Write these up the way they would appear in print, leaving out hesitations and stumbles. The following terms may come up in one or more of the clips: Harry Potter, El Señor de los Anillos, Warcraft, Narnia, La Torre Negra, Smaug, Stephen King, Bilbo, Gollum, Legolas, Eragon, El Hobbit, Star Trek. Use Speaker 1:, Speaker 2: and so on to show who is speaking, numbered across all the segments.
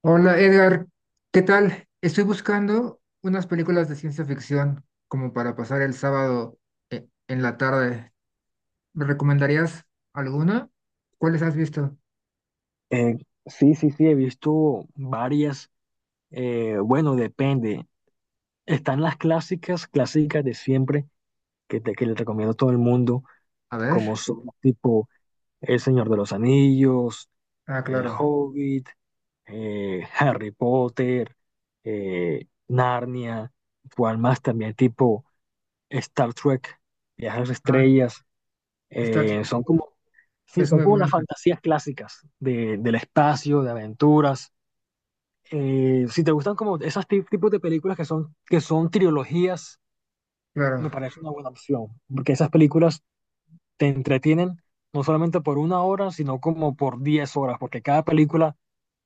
Speaker 1: Hola Edgar, ¿qué tal? Estoy buscando unas películas de ciencia ficción como para pasar el sábado en la tarde. ¿Me recomendarías alguna? ¿Cuáles has visto?
Speaker 2: Eh, sí, sí, sí, he visto varias. Bueno, depende. Están las clásicas, clásicas de siempre, que, que le recomiendo a todo el mundo,
Speaker 1: A
Speaker 2: como
Speaker 1: ver.
Speaker 2: son tipo El Señor de los Anillos,
Speaker 1: Ah,
Speaker 2: El
Speaker 1: claro.
Speaker 2: Hobbit, Harry Potter, Narnia, cual más también tipo Star Trek, Viajes a las
Speaker 1: Ah,
Speaker 2: Estrellas.
Speaker 1: Star Trek
Speaker 2: Son como, sí,
Speaker 1: es
Speaker 2: son
Speaker 1: muy
Speaker 2: como las
Speaker 1: buena,
Speaker 2: fantasías clásicas de, del espacio, de aventuras. Si te gustan como esos tipos de películas que son trilogías,
Speaker 1: claro.
Speaker 2: me parece una buena opción, porque esas películas te entretienen no solamente por una hora, sino como por 10 horas, porque cada película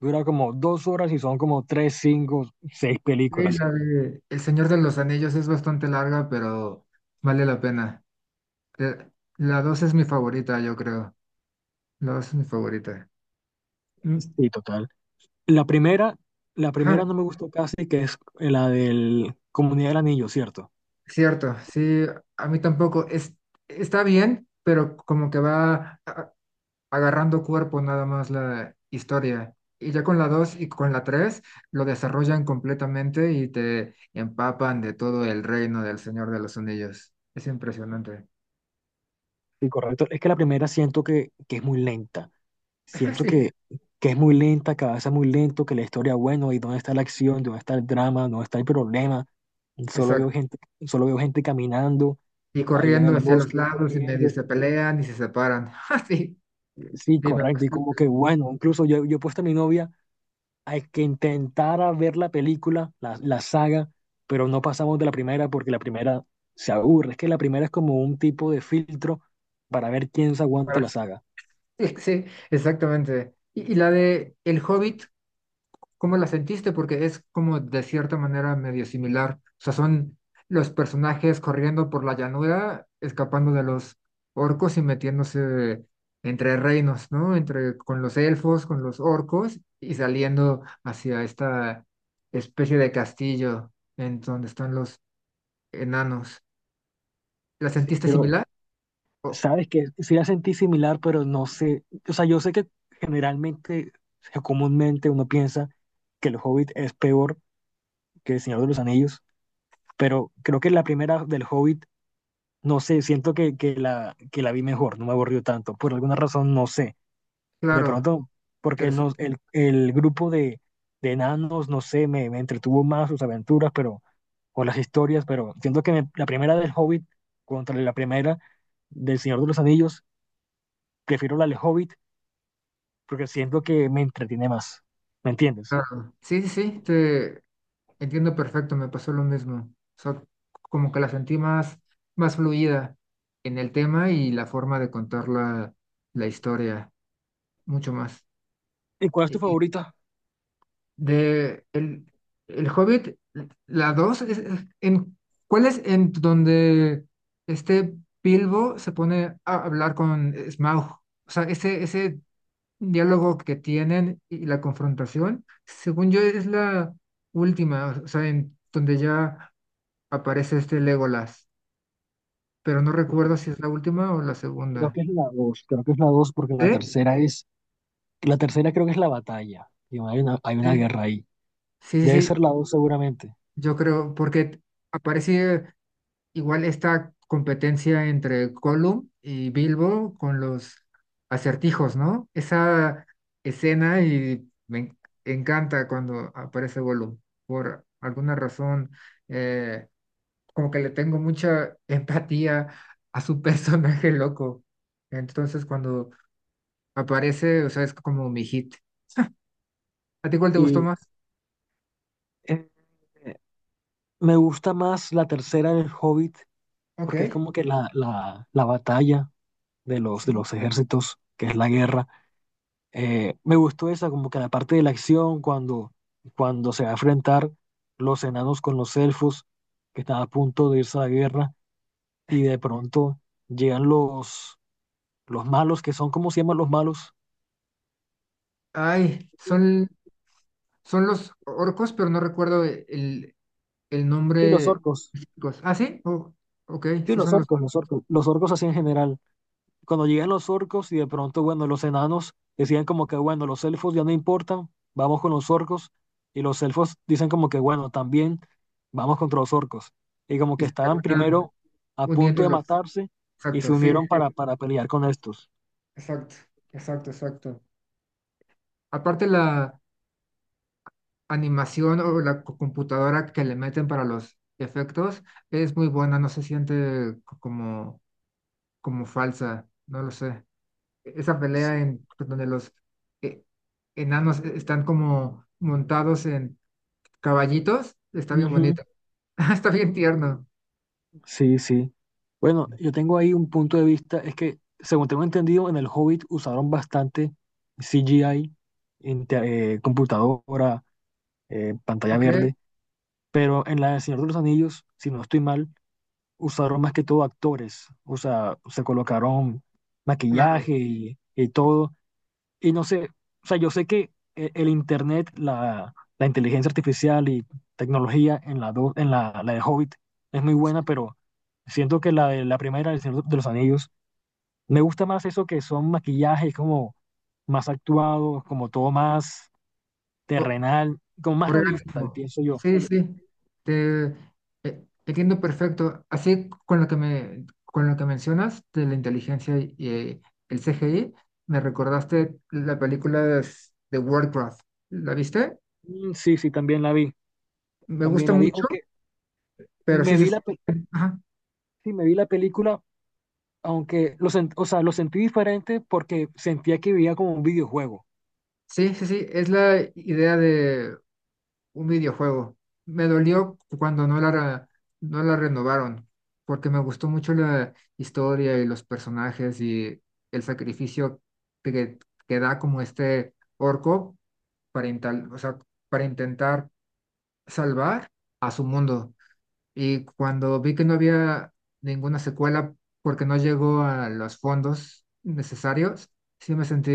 Speaker 2: dura como dos horas y son como tres, cinco, seis
Speaker 1: Sí,
Speaker 2: películas.
Speaker 1: la de El Señor de los Anillos es bastante larga, pero vale la pena. Eh, La 2 es mi favorita, yo creo. La 2 es mi favorita. Mm,
Speaker 2: Sí, total. La primera, la
Speaker 1: ajá.
Speaker 2: primera no me gustó casi, que es la del Comunidad del Anillo, ¿cierto?
Speaker 1: Cierto, sí, a mí tampoco. Es, está bien, pero como que va agarrando cuerpo nada más la historia. Y ya con la 2 y con la 3 lo desarrollan completamente y te empapan de todo el reino del Señor de los Anillos. Es impresionante.
Speaker 2: Sí, correcto. Es que la primera siento que es muy lenta. Siento
Speaker 1: Sí,
Speaker 2: que es muy lenta, que avanza muy lento, que la historia, bueno, ¿y dónde está la acción? ¿Dónde está el drama? ¿Dónde está el problema? Solo veo
Speaker 1: exacto.
Speaker 2: gente, solo veo gente caminando
Speaker 1: Y
Speaker 2: ahí en el
Speaker 1: corriendo hacia los
Speaker 2: bosque y
Speaker 1: lados y medio
Speaker 2: corriendo.
Speaker 1: se pelean y se separan. Ah, sí,
Speaker 2: Sí,
Speaker 1: sí, me
Speaker 2: correcto.
Speaker 1: pasó
Speaker 2: Y
Speaker 1: lo
Speaker 2: como que,
Speaker 1: mismo.
Speaker 2: bueno, incluso yo, yo he puesto a mi novia a que intentara ver la película, la saga, pero no pasamos de la primera porque la primera se aburre. Es que la primera es como un tipo de filtro para ver quién se aguanta
Speaker 1: Para-
Speaker 2: la saga.
Speaker 1: Sí, sí, exactamente. Y la de El Hobbit, ¿cómo la sentiste? Porque es como de cierta manera medio similar. O sea, son los personajes corriendo por la llanura, escapando de los orcos y metiéndose entre reinos, ¿no? Entre con los elfos, con los orcos y saliendo hacia esta especie de castillo en donde están los enanos. ¿La
Speaker 2: Sí,
Speaker 1: sentiste
Speaker 2: pero
Speaker 1: similar? Oh,
Speaker 2: sabes que sí la sentí similar, pero no sé, o sea, yo sé que generalmente, o comúnmente uno piensa que el Hobbit es peor que el Señor de los Anillos, pero creo que la primera del Hobbit, no sé, siento que, que la vi mejor, no me aburrió tanto, por alguna razón, no sé, de
Speaker 1: claro,
Speaker 2: pronto, porque
Speaker 1: interesante.
Speaker 2: no, el grupo de enanos, no sé, me entretuvo más sus aventuras, pero, o las historias, pero siento que la primera del Hobbit contra la primera del Señor de los Anillos, prefiero la del Hobbit porque siento que me entretiene más, ¿me entiendes?
Speaker 1: Claro. Sí, sí, sí, entiendo perfecto, me pasó lo mismo. O sea, como que la sentí más, más fluida en el tema y la forma de contar la historia, mucho más.
Speaker 2: ¿Y cuál es tu
Speaker 1: Y
Speaker 2: favorita?
Speaker 1: de el Hobbit, la 2 ¿cuál es en donde este Bilbo se pone a hablar con Smaug? O sea, ese diálogo que tienen y la confrontación, según yo, es la última, o sea, en donde ya aparece este Legolas, pero no
Speaker 2: Y
Speaker 1: recuerdo
Speaker 2: cre-
Speaker 1: si es la última o la
Speaker 2: Creo
Speaker 1: segunda.
Speaker 2: que es la dos, creo que es la dos, porque la
Speaker 1: ¿Sí?
Speaker 2: tercera es, la tercera creo que es la batalla, y hay una
Speaker 1: Sí,
Speaker 2: guerra ahí.
Speaker 1: sí,
Speaker 2: Debe ser
Speaker 1: sí,
Speaker 2: la dos seguramente.
Speaker 1: yo creo, porque aparece igual esta competencia entre Gollum y Bilbo con los acertijos, ¿no? Esa escena y me encanta cuando aparece Gollum. Por alguna razón, eh, como que le tengo mucha empatía a su personaje loco. Entonces, cuando Me parece, o sea, es como mi hit. ¿A ti cuál te gustó
Speaker 2: Y
Speaker 1: más?
Speaker 2: eh, me gusta más la tercera del Hobbit,
Speaker 1: Ok,
Speaker 2: porque es como que la batalla de
Speaker 1: sí.
Speaker 2: los ejércitos, que es la guerra. Me gustó esa, como que la parte de la acción, cuando, cuando se va a enfrentar los enanos con los elfos, que están a punto de irse a la guerra, y de pronto llegan los malos, que son, ¿cómo se llaman los malos?
Speaker 1: Ay, son los orcos, pero no recuerdo el, el
Speaker 2: Sí, los
Speaker 1: nombre.
Speaker 2: orcos.
Speaker 1: específico. Ah, sí, oh, ok,
Speaker 2: Sí,
Speaker 1: sí
Speaker 2: los
Speaker 1: son los.
Speaker 2: orcos, los orcos. Los orcos así en general. Cuando llegan los orcos y de pronto, bueno, los enanos decían como que, bueno, los elfos ya no importan, vamos con los orcos. Y los elfos dicen como que, bueno, también vamos contra los orcos. Y como
Speaker 1: Y
Speaker 2: que
Speaker 1: se
Speaker 2: estaban
Speaker 1: terminan
Speaker 2: primero a punto
Speaker 1: uniendo
Speaker 2: de
Speaker 1: los.
Speaker 2: matarse y se
Speaker 1: Exacto, sí,
Speaker 2: unieron
Speaker 1: sí,
Speaker 2: para pelear con estos.
Speaker 1: exacto, exacto, exacto. Aparte la animación o la computadora que le meten para los efectos es muy buena, no se siente como falsa, no lo sé. Esa
Speaker 2: S-
Speaker 1: pelea en pues, donde los eh, enanos están como montados en caballitos, está bien
Speaker 2: Ujú.
Speaker 1: bonito. Está bien tierno.
Speaker 2: Sí, sí. Bueno, yo tengo ahí un punto de vista, es que según tengo entendido, en el Hobbit usaron bastante CGI, computadora, pantalla
Speaker 1: Ok,
Speaker 2: verde. Pero en la de Señor de los Anillos, si no estoy mal, usaron más que todo actores, o sea, se colocaron
Speaker 1: claro.
Speaker 2: maquillaje y todo. Y no sé, o sea, yo sé que el internet, la inteligencia artificial y tecnología en en la de Hobbit es muy buena, pero siento que la de la primera, el Señor de los Anillos, me gusta más eso que son maquillajes como más actuados, como todo más
Speaker 1: O-
Speaker 2: terrenal, como más realista,
Speaker 1: Orgánico.
Speaker 2: pienso yo.
Speaker 1: Sí, sí. Te, Entiendo perfecto. Así con lo que mencionas de la inteligencia y, el CGI, me recordaste la película de Warcraft. ¿La viste?
Speaker 2: Sí, sí,
Speaker 1: Me
Speaker 2: también
Speaker 1: gusta
Speaker 2: la vi,
Speaker 1: mucho,
Speaker 2: aunque
Speaker 1: pero
Speaker 2: me
Speaker 1: sí se
Speaker 2: vi
Speaker 1: siente.
Speaker 2: sí, me vi la película, aunque o sea, lo sentí diferente porque sentía que vivía como un videojuego.
Speaker 1: Sí, sí, sí, es la idea de un videojuego. Me dolió cuando no la renovaron, porque me gustó mucho la historia y los personajes y el sacrificio que, que da como este orco o sea, para intentar salvar a su mundo. Y cuando vi que no había ninguna secuela porque no llegó a los fondos necesarios, sí me sentí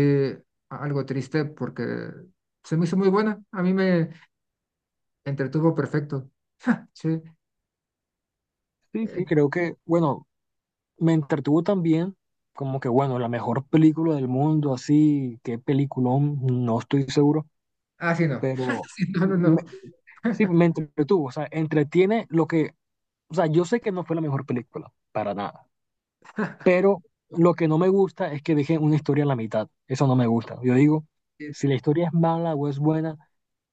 Speaker 1: algo triste porque se me hizo muy buena. A mí me entretuvo perfecto. Sí.
Speaker 2: Sí, sí,
Speaker 1: Eh,
Speaker 2: creo que, bueno, me entretuvo también, como que, bueno, la mejor película del mundo, así, qué peliculón, no estoy seguro,
Speaker 1: ah, sí, no.
Speaker 2: pero
Speaker 1: Sí, no, no,
Speaker 2: me-
Speaker 1: no.
Speaker 2: sí, me entretuvo, o sea, entretiene lo que, o sea, yo sé que no fue la mejor película, para nada, pero lo que no me gusta es que dejé una historia a la mitad, eso no me gusta. Yo digo,
Speaker 1: Sí,
Speaker 2: si la historia es mala o es buena,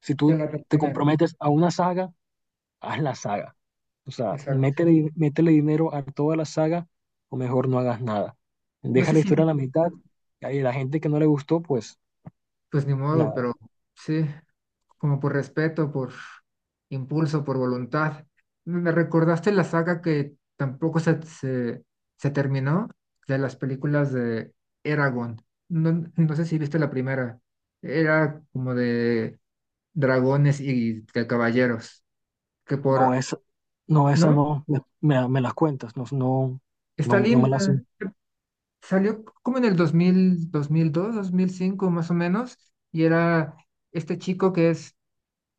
Speaker 2: si
Speaker 1: se
Speaker 2: tú
Speaker 1: la
Speaker 2: te
Speaker 1: terminan.
Speaker 2: comprometes a una saga, haz la saga. O sea,
Speaker 1: Exacto.
Speaker 2: métele, métele dinero a toda la saga o mejor no hagas nada.
Speaker 1: No
Speaker 2: Deja
Speaker 1: sé
Speaker 2: la
Speaker 1: si,
Speaker 2: historia
Speaker 1: vi,
Speaker 2: a la mitad y ahí la gente que no le gustó, pues
Speaker 1: pues ni modo,
Speaker 2: nada.
Speaker 1: pero sí. Como por respeto, por impulso, por voluntad. Me recordaste la saga que tampoco se terminó de las películas de Eragon. No, no sé si viste la primera. Era como de dragones y de caballeros, que
Speaker 2: No,
Speaker 1: por,
Speaker 2: esa no, esa
Speaker 1: ¿no?
Speaker 2: no, me las cuentas, no, no,
Speaker 1: Está
Speaker 2: no, no me las...
Speaker 1: linda. Salió como en el 2005 más o menos, y era este chico que es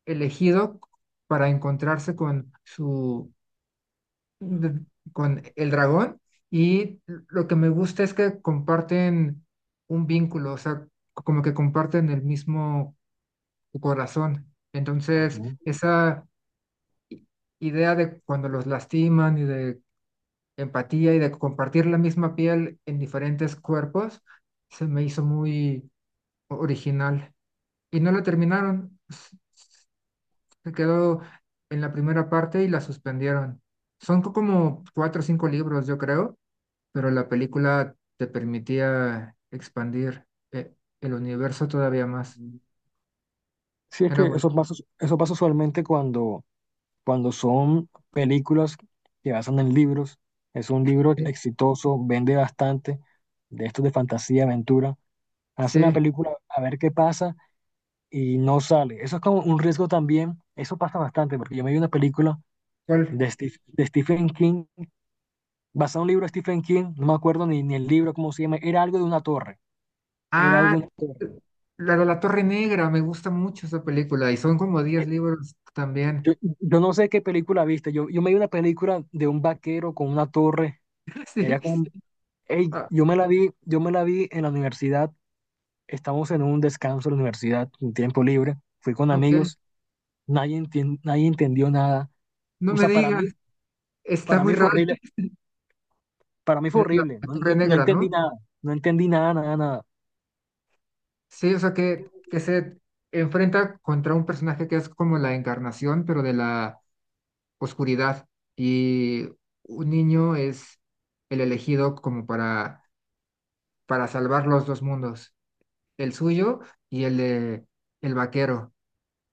Speaker 1: elegido para encontrarse con de- con el dragón y lo que me gusta es que comparten un vínculo, o sea, como que comparten el mismo corazón. Entonces,
Speaker 2: Ujú.
Speaker 1: esa i- idea de cuando los lastiman y de empatía y de compartir la misma piel en diferentes cuerpos, se me hizo muy original. Y no la terminaron, se quedó en la primera parte y la suspendieron. Son como cuatro o cinco libros, yo creo, pero la película te permitía expandir eh, el universo todavía más.
Speaker 2: Sí, es
Speaker 1: Era
Speaker 2: que
Speaker 1: bueno.
Speaker 2: eso pasa usualmente cuando, cuando son películas que basan en libros. Es un libro
Speaker 1: Sí,
Speaker 2: exitoso, vende bastante, de estos de fantasía, aventura. Hace una
Speaker 1: sí.
Speaker 2: película a ver qué pasa y no sale. Eso es como un riesgo también. Eso pasa bastante, porque yo me vi una película
Speaker 1: ¿Cuál?
Speaker 2: de, de Stephen King, basada en un libro de Stephen King, no me acuerdo ni el libro, cómo se llama, era algo de una torre, era
Speaker 1: Ah,
Speaker 2: algo de una torre.
Speaker 1: la de la Torre Negra, me gusta mucho esa película y son como 10
Speaker 2: Eh,
Speaker 1: libros también.
Speaker 2: Yo, yo no sé qué película viste, yo me vi una película de un vaquero con una torre,
Speaker 1: Sí,
Speaker 2: era como,
Speaker 1: sí.
Speaker 2: ey,
Speaker 1: Ah,
Speaker 2: yo me la vi, yo me la vi en la universidad, estamos en un descanso en la universidad, un tiempo libre, fui con
Speaker 1: ok.
Speaker 2: amigos, nadie entendió nada,
Speaker 1: No
Speaker 2: o
Speaker 1: me
Speaker 2: sea, para
Speaker 1: digas,
Speaker 2: mí.
Speaker 1: está
Speaker 2: Para
Speaker 1: muy
Speaker 2: mí fue
Speaker 1: raro.
Speaker 2: horrible, para mí fue
Speaker 1: Es la,
Speaker 2: horrible,
Speaker 1: la Torre
Speaker 2: no
Speaker 1: Negra,
Speaker 2: entendí
Speaker 1: ¿no?
Speaker 2: nada, no entendí nada, nada, nada.
Speaker 1: Sí, o sea que se enfrenta contra un personaje que es como la encarnación, pero de la oscuridad y un niño es el elegido como para, salvar los dos mundos, el suyo y el de el vaquero.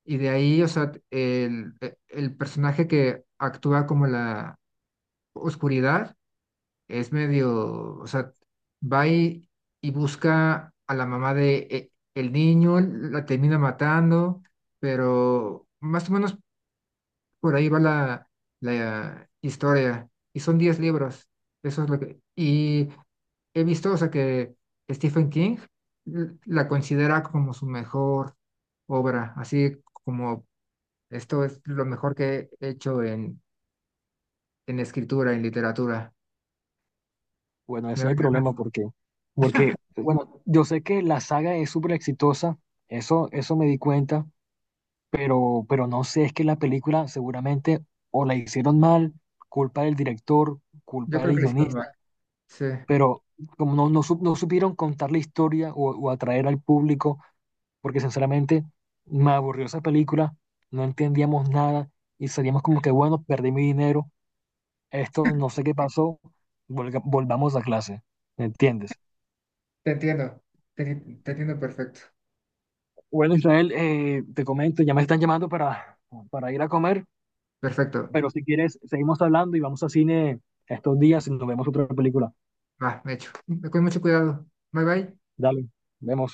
Speaker 1: Y de ahí, o sea, el personaje que actúa como la oscuridad es medio, o sea, va y busca a la mamá de el niño, la termina matando, pero más o menos por ahí va la historia. Y son 10 libros. Eso es lo que... Y he visto, o sea, que Stephen King la considera como su mejor obra, así como esto es lo mejor que he hecho en, escritura, en literatura.
Speaker 2: Bueno,
Speaker 1: Me
Speaker 2: ese es el
Speaker 1: dan ganas.
Speaker 2: problema porque, porque, bueno, yo sé que la saga es súper exitosa, eso me di cuenta, pero no sé, es que la película seguramente o la hicieron mal, culpa del director,
Speaker 1: Yo
Speaker 2: culpa
Speaker 1: creo
Speaker 2: del
Speaker 1: que le hicieron mal.
Speaker 2: guionista,
Speaker 1: Sí,
Speaker 2: pero como no supieron contar la historia o atraer al público, porque sinceramente me aburrió esa película, no entendíamos nada y salíamos como que, bueno, perdí mi dinero, esto no sé qué pasó, volvamos a clase, ¿me entiendes?
Speaker 1: te entiendo. Te entiendo perfecto.
Speaker 2: Bueno, Israel, te comento, ya me están llamando para ir a comer,
Speaker 1: Perfecto.
Speaker 2: pero si quieres, seguimos hablando y vamos a cine estos días y nos vemos otra película.
Speaker 1: Va, hecho. Con mucho cuidado. Bye bye.
Speaker 2: Dale, vemos.